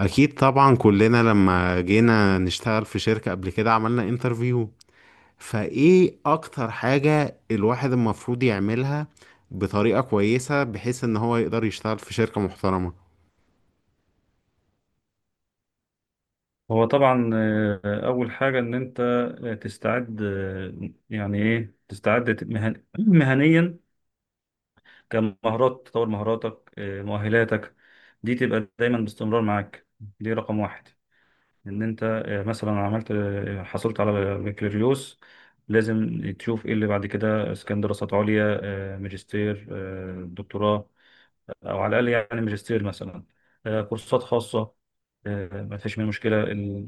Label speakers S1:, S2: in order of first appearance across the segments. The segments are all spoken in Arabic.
S1: اكيد طبعا كلنا لما جينا نشتغل في شركة قبل كده عملنا انترفيو، فايه اكتر حاجة الواحد المفروض يعملها بطريقة كويسة بحيث ان هو يقدر يشتغل في شركة محترمة؟
S2: هو طبعا أول حاجة إن أنت تستعد يعني إيه تستعد مهنيا، كمهارات تطور مهاراتك، مؤهلاتك دي تبقى دايما باستمرار معاك. دي رقم واحد. إن أنت مثلا عملت حصلت على بكالوريوس. لازم تشوف إيه اللي بعد كده، إذا كان دراسات عليا، ماجستير، دكتوراه، او على الاقل يعني ماجستير مثلا، كورسات خاصه. ما فيش منها مشكله. ال-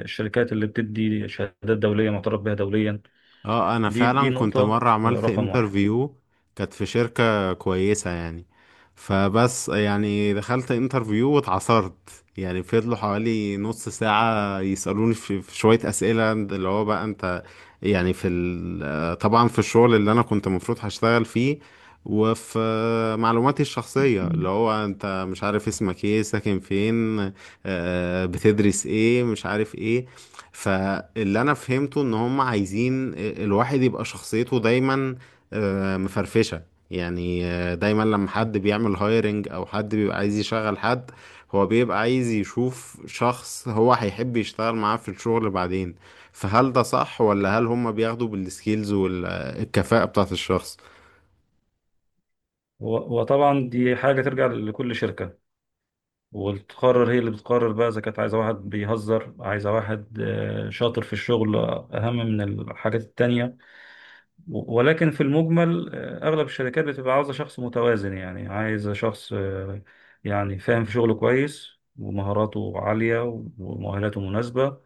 S2: آه، الشركات اللي بتدي شهادات دوليه معترف بها دوليا.
S1: اه انا
S2: دي
S1: فعلا
S2: نقطه
S1: كنت مرة
S2: آه،
S1: عملت
S2: رقم واحد.
S1: انترفيو، كانت في شركة كويسة يعني. فبس يعني دخلت انترفيو واتعصرت، يعني فضلوا حوالي نص ساعة يسألوني في شوية أسئلة اللي هو بقى انت، يعني طبعا في الشغل اللي انا كنت المفروض هشتغل فيه، وفي معلوماتي الشخصية اللي هو انت مش عارف اسمك ايه، ساكن فين، بتدرس ايه، مش عارف ايه. فاللي انا فهمته ان هم عايزين الواحد يبقى شخصيته دايما مفرفشة. يعني دايما لما حد بيعمل هايرنج او حد بيبقى عايز يشغل حد، هو بيبقى عايز يشوف شخص هو هيحب يشتغل معاه في الشغل بعدين. فهل ده صح ولا هل هم بياخدوا بالسكيلز والكفاءة بتاعت الشخص؟
S2: وطبعا دي حاجه ترجع لكل شركه، وتقرر هي اللي بتقرر بقى اذا كانت عايزه واحد بيهزر، عايزه واحد شاطر في الشغل، اهم من الحاجات التانيه. ولكن في المجمل، أغلب الشركات بتبقى عاوزة شخص متوازن، يعني عايزة شخص يعني فاهم في شغله كويس، ومهاراته عالية، ومؤهلاته مناسبة،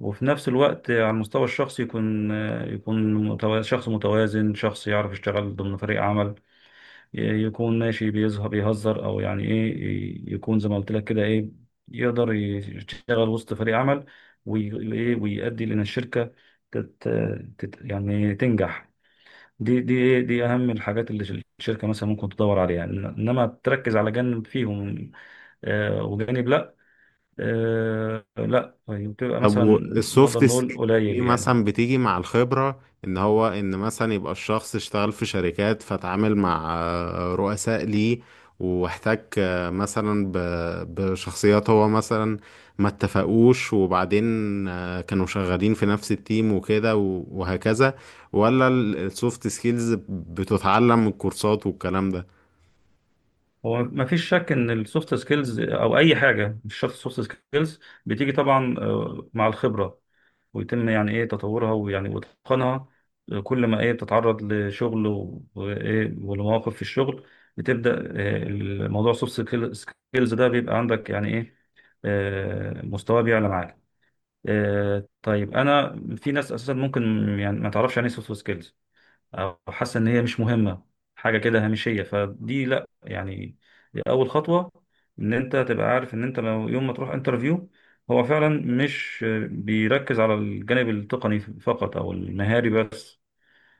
S2: وفي نفس الوقت، على المستوى الشخصي يكون يكون شخص متوازن، شخص يعرف يشتغل ضمن فريق عمل. يكون ماشي بيظهر بيهزر، أو يعني إيه يكون زي ما قلت لك كده إيه. يقدر يشتغل وسط فريق عمل، وي- وإيه، ويؤدي لأن الشركة تت تت يعني تنجح. دي إيه؟ دي اهم الحاجات اللي الشركه مثلا ممكن تدور عليها، انما تركز على جانب فيهم، وجانب لا. لا، طيب بتبقى مثلا
S1: طب
S2: نقدر
S1: السوفت
S2: نقول
S1: سكيل دي
S2: قليل يعني.
S1: مثلا بتيجي مع الخبرة، ان هو ان مثلا يبقى الشخص اشتغل في شركات فتعامل مع رؤساء ليه، واحتك مثلا بشخصيات هو مثلا ما اتفقوش، وبعدين كانوا شغالين في نفس التيم وكده وهكذا. ولا السوفت سكيلز بتتعلم من الكورسات والكلام ده؟
S2: هو ما فيش شك ان السوفت سكيلز او اي حاجه، مش شرط السوفت سكيلز بتيجي طبعا، مع الخبره، ويتم يعني ايه تطورها، ويعني واتقانها. كل ما ايه بتتعرض لشغل و- وايه ولمواقف في الشغل، بتبدا، الموضوع سوفت سكيلز ده بيبقى عندك يعني ايه، مستواه بيعلى معاك. طيب، انا في ناس اساسا ممكن يعني ما تعرفش يعني ايه سوفت سكيلز، او حاسه ان هي مش مهمه، حاجه كده هامشيه. فدي لا يعني، دي اول خطوه، ان انت تبقى عارف ان انت لو يوم ما تروح انترفيو، هو فعلا مش بيركز على الجانب التقني فقط او المهاري بس.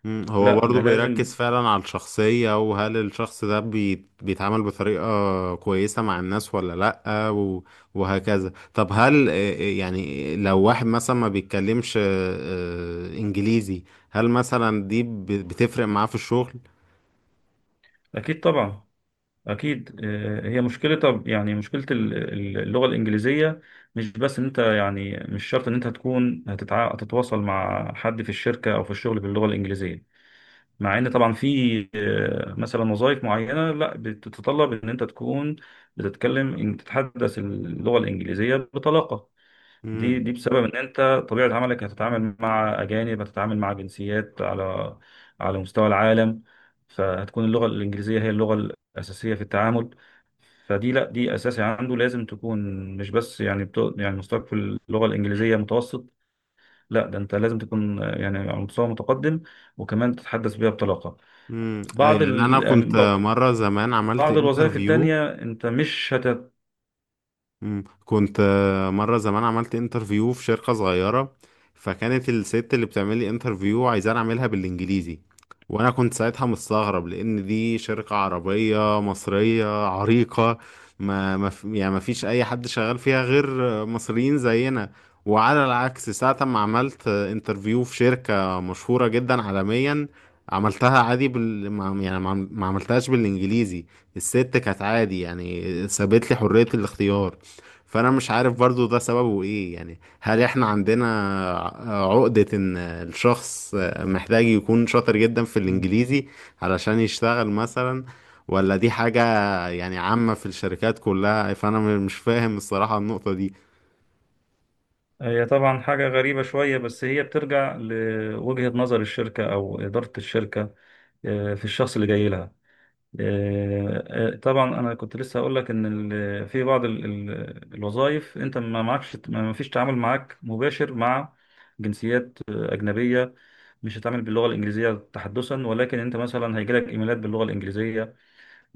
S1: مم، هو
S2: لا،
S1: برضه
S2: ده
S1: بيركز
S2: لازم.
S1: فعلا على الشخصية، وهل الشخص ده بيتعامل بطريقة كويسة مع الناس ولا؟ لأ وهكذا. طب هل يعني لو واحد مثلا ما بيتكلمش إنجليزي، هل مثلا دي بتفرق معاه في الشغل؟
S2: اكيد طبعا، اكيد، هي مشكله. طب يعني مشكله اللغه الانجليزيه، مش بس ان انت يعني مش شرط ان انت هتكون هتتواصل مع حد في الشركه او في الشغل باللغه الانجليزيه، مع ان طبعا في مثلا وظائف معينه لا بتتطلب ان انت تكون بتتكلم، ان تتحدث اللغه الانجليزيه بطلاقه. دي
S1: مم.
S2: دي بسبب ان انت طبيعه عملك هتتعامل مع اجانب، هتتعامل مع جنسيات على مستوى العالم. فهتكون اللغه الانجليزيه هي اللغه الاساسيه في التعامل. فدي لا، دي اساسي عنده، لازم تكون. مش بس يعني بتو يعني مستواك في اللغه الانجليزيه متوسط، لا، ده انت لازم تكون يعني على مستوى متقدم، وكمان تتحدث بيها بطلاقه.
S1: مم. يعني أنا كنت
S2: يعني
S1: مرة زمان عملت
S2: بعض الوظائف
S1: انترفيو.
S2: التانية انت مش هت.
S1: مم. كنت مرة زمان عملت انترفيو في شركة صغيرة، فكانت الست اللي بتعمل لي انترفيو عايزاني اعملها بالانجليزي. وانا كنت ساعتها مستغرب لان دي شركة عربية مصرية عريقة، ما ما ف- يعني ما فيش اي حد شغال فيها غير مصريين زينا. وعلى العكس ساعة ما عملت انترفيو في شركة مشهورة جدا عالميا، عملتها عادي بال... ما- يعني ما عملتهاش بالانجليزي. الست كانت عادي يعني، سابت لي حرية الاختيار. فانا مش عارف برضو ده سببه ايه، يعني هل احنا عندنا عقدة ان الشخص محتاج يكون شاطر جدا في
S2: مم.
S1: الانجليزي علشان يشتغل مثلا، ولا دي حاجة يعني عامة في الشركات كلها؟ فانا مش فاهم الصراحة النقطة دي.
S2: هي طبعا حاجة غريبة شوية، بس هي بترجع لوجهة نظر الشركة أو إدارة الشركة في الشخص اللي جاي لها. طبعا أنا كنت لسه هقول لك إن في بعض الوظائف أنت ما معكش، ما فيش تعامل معاك مباشر مع جنسيات أجنبية. مش هتعامل باللغة الإنجليزية تحدثا، ولكن أنت مثلا هيجيلك إيميلات باللغة الإنجليزية.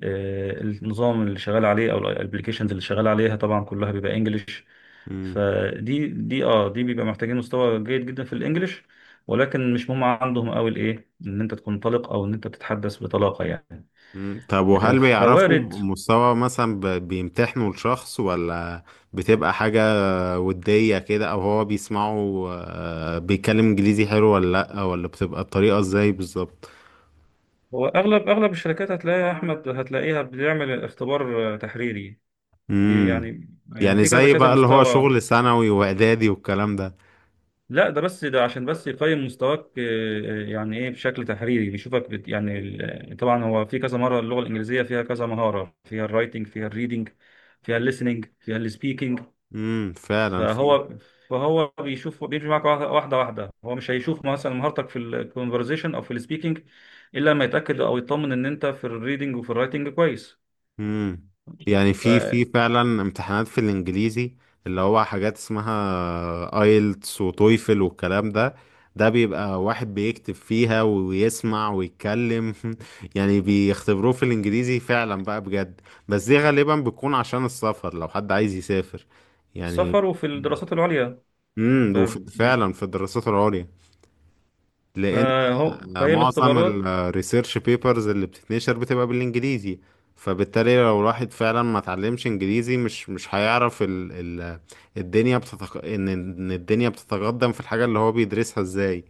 S2: النظام اللي شغال عليه او الابلكيشنز اللي شغال عليها طبعا كلها بيبقى انجلش.
S1: مم.
S2: فدي دي اه دي بيبقى محتاجين مستوى جيد جدا في الانجليش، ولكن مش مهم عندهم قوي الايه، ان انت تكون طلق او ان انت تتحدث بطلاقه يعني.
S1: مم. طب وهل بيعرفوا
S2: فوارد.
S1: مستوى مثلا، بيمتحنوا الشخص، ولا بتبقى حاجة ودية كده، او هو بيسمعوا بيتكلم انجليزي حلو ولا لا، ولا بتبقى الطريقة ازاي بالظبط؟
S2: هو اغلب الشركات هتلاقيها يا احمد، هتلاقيها بتعمل اختبار تحريري. دي
S1: امم.
S2: يعني،
S1: يعني
S2: في كذا
S1: زي
S2: كذا
S1: بقى اللي هو
S2: مستوى.
S1: شغل ثانوي واعدادي والكلام ده؟
S2: لا، ده بس، ده عشان بس يقيم مستواك، يعني ايه، بشكل تحريري بيشوفك بت يعني طبعا هو في كذا مره اللغه الانجليزيه فيها كذا مهاره، فيها الرايتنج، فيها الريدنج، فيها الليسننج، فيها السبيكنج.
S1: امم، فعلا في.
S2: فهو فهو بيشوف، بيمشي معاك واحده واحده واحدة. هو مش هيشوف مثلا مهارتك في الكونفرزيشن او في السبيكنج الا لما يتاكد او يطمن ان انت في الريدنج وفي الرايتنج كويس.
S1: امم، يعني في فعلا امتحانات في الانجليزي، اللي هو حاجات اسمها ايلتس وتويفل والكلام ده. ده بيبقى واحد بيكتب فيها ويسمع ويتكلم يعني بيختبروه في الانجليزي فعلا بقى بجد. بس دي غالبا بتكون عشان السفر لو حد عايز يسافر يعني.
S2: فالسفر وفي الدراسات العليا.
S1: امم،
S2: فبش-
S1: وفعلا في الدراسات العليا، لان
S2: فهي
S1: معظم
S2: الاختبارات.
S1: الريسيرش بيبرز اللي بتتنشر بتبقى بالانجليزي. فبالتالي لو الواحد فعلا ما اتعلمش انجليزي مش هيعرف ال ال ان الدنيا بتتقدم في الحاجة اللي هو بيدرسها ازاي.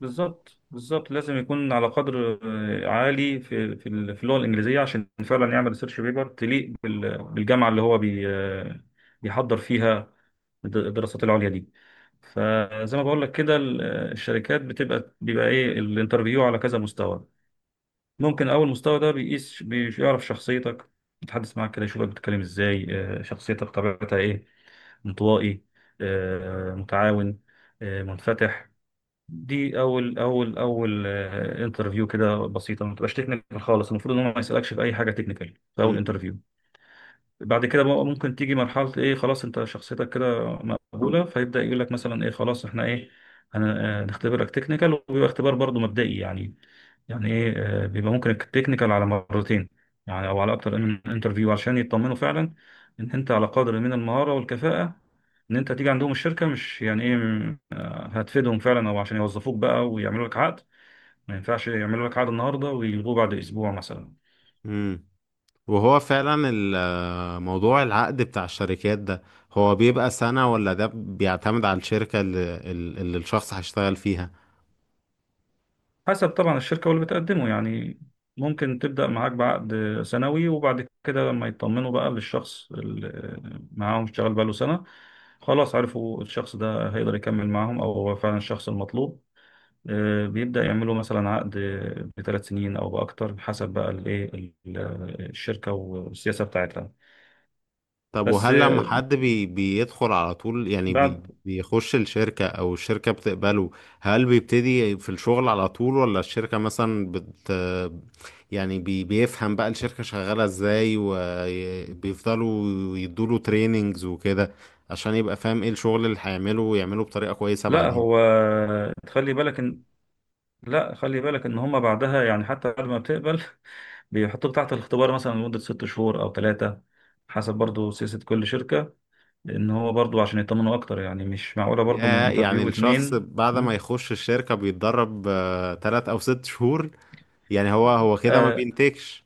S2: بالظبط بالظبط، لازم يكون على قدر عالي في اللغه الانجليزيه، عشان فعلا يعمل ريسيرش بيبر تليق بالجامعه اللي هو بي آه، بيحضر فيها الدراسات العليا دي. فزي ما بقول لك كده الشركات بيبقى ايه، الانترفيو على كذا مستوى. ممكن اول مستوى ده بيقيس، بيعرف شخصيتك، يتحدث معاك كده، يشوفك بتتكلم ازاي شخصيتك طبيعتها ايه، انطوائي متعاون منفتح. دي اول اول اول انترفيو، كده بسيطه، ما تبقاش تكنيكال خالص. المفروض ان هو ما يسالكش في اي حاجه تكنيكال في اول
S1: مم.
S2: انترفيو. بعد كده بقى ممكن تيجي مرحله ايه، خلاص انت شخصيتك كده مقبوله، فيبدا يقول لك مثلا ايه، خلاص احنا ايه هنختبرك تكنيكال، وبيبقى اختبار برضه مبدئي يعني، يعني ايه، بيبقى ممكن التكنيكال على مرتين، يعني او على اكتر من انترفيو، عشان يطمنوا فعلا ان انت على قدر من المهارة والكفاءة، ان انت تيجي عندهم الشركة مش يعني ايه هتفيدهم فعلا، او عشان يوظفوك بقى ويعملوا لك عقد. ما ينفعش يعملوا لك عقد النهاردة ويلغوه بعد اسبوع مثلا.
S1: مم. وهو فعلا موضوع العقد بتاع الشركات ده، هو بيبقى سنة، ولا ده بيعتمد على الشركة اللي الشخص هيشتغل فيها؟
S2: حسب طبعا الشركة واللي بتقدمه يعني. ممكن تبدأ معاك بعقد سنوي، وبعد كده لما يطمنوا بقى للشخص اللي معاهم اشتغل بقاله سنة، خلاص عرفوا الشخص ده هيقدر يكمل معاهم أو هو فعلا الشخص المطلوب، بيبدأ يعملوا مثلا عقد بـ3 سنين أو بأكتر، حسب بقى الإيه الشركة والسياسة بتاعتها.
S1: طب
S2: بس
S1: وهل لما
S2: آه،
S1: حد بيدخل على طول، يعني بي
S2: بعد.
S1: بيخش الشركة أو الشركة بتقبله، هل بيبتدي في الشغل على طول، ولا الشركة مثلا يعني بيفهم بقى الشركة شغالة ازاي، وبيفضلوا يدوله تريننجز وكده عشان يبقى فاهم ايه الشغل اللي هيعمله ويعمله بطريقة كويسة
S2: لا هو،
S1: بعدين؟
S2: تخلي بالك إن، لا خلي بالك إن هما بعدها يعني حتى بعد ما بتقبل، بيحطوك تحت الاختبار مثلا لمدة 6 شهور أو 3، حسب برضو سياسة كل شركة، لأن هو برضو عشان يطمنوا أكتر، يعني مش معقولة برضو من
S1: يا يعني
S2: انترفيو
S1: الشخص
S2: اتنين.
S1: بعد ما
S2: مم.
S1: يخش الشركة بيتدرب 3 أو 6 شهور، يعني هو كده ما
S2: آه
S1: بينتجش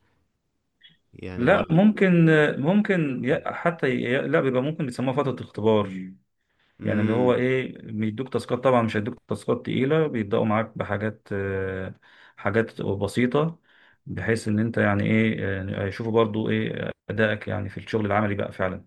S1: يعني
S2: لا،
S1: ولا؟
S2: ممكن ممكن لا، بيبقى ممكن، بيسموها فترة اختبار. يعني اللي هو
S1: مم.
S2: إيه، بيدوك تاسكات، طبعا مش هيدوك تاسكات تقيلة، بيبدأوا معاك بحاجات، حاجات بسيطة، بحيث إن أنت يعني إيه يشوفوا برضو إيه أدائك، يعني في الشغل العملي بقى فعلا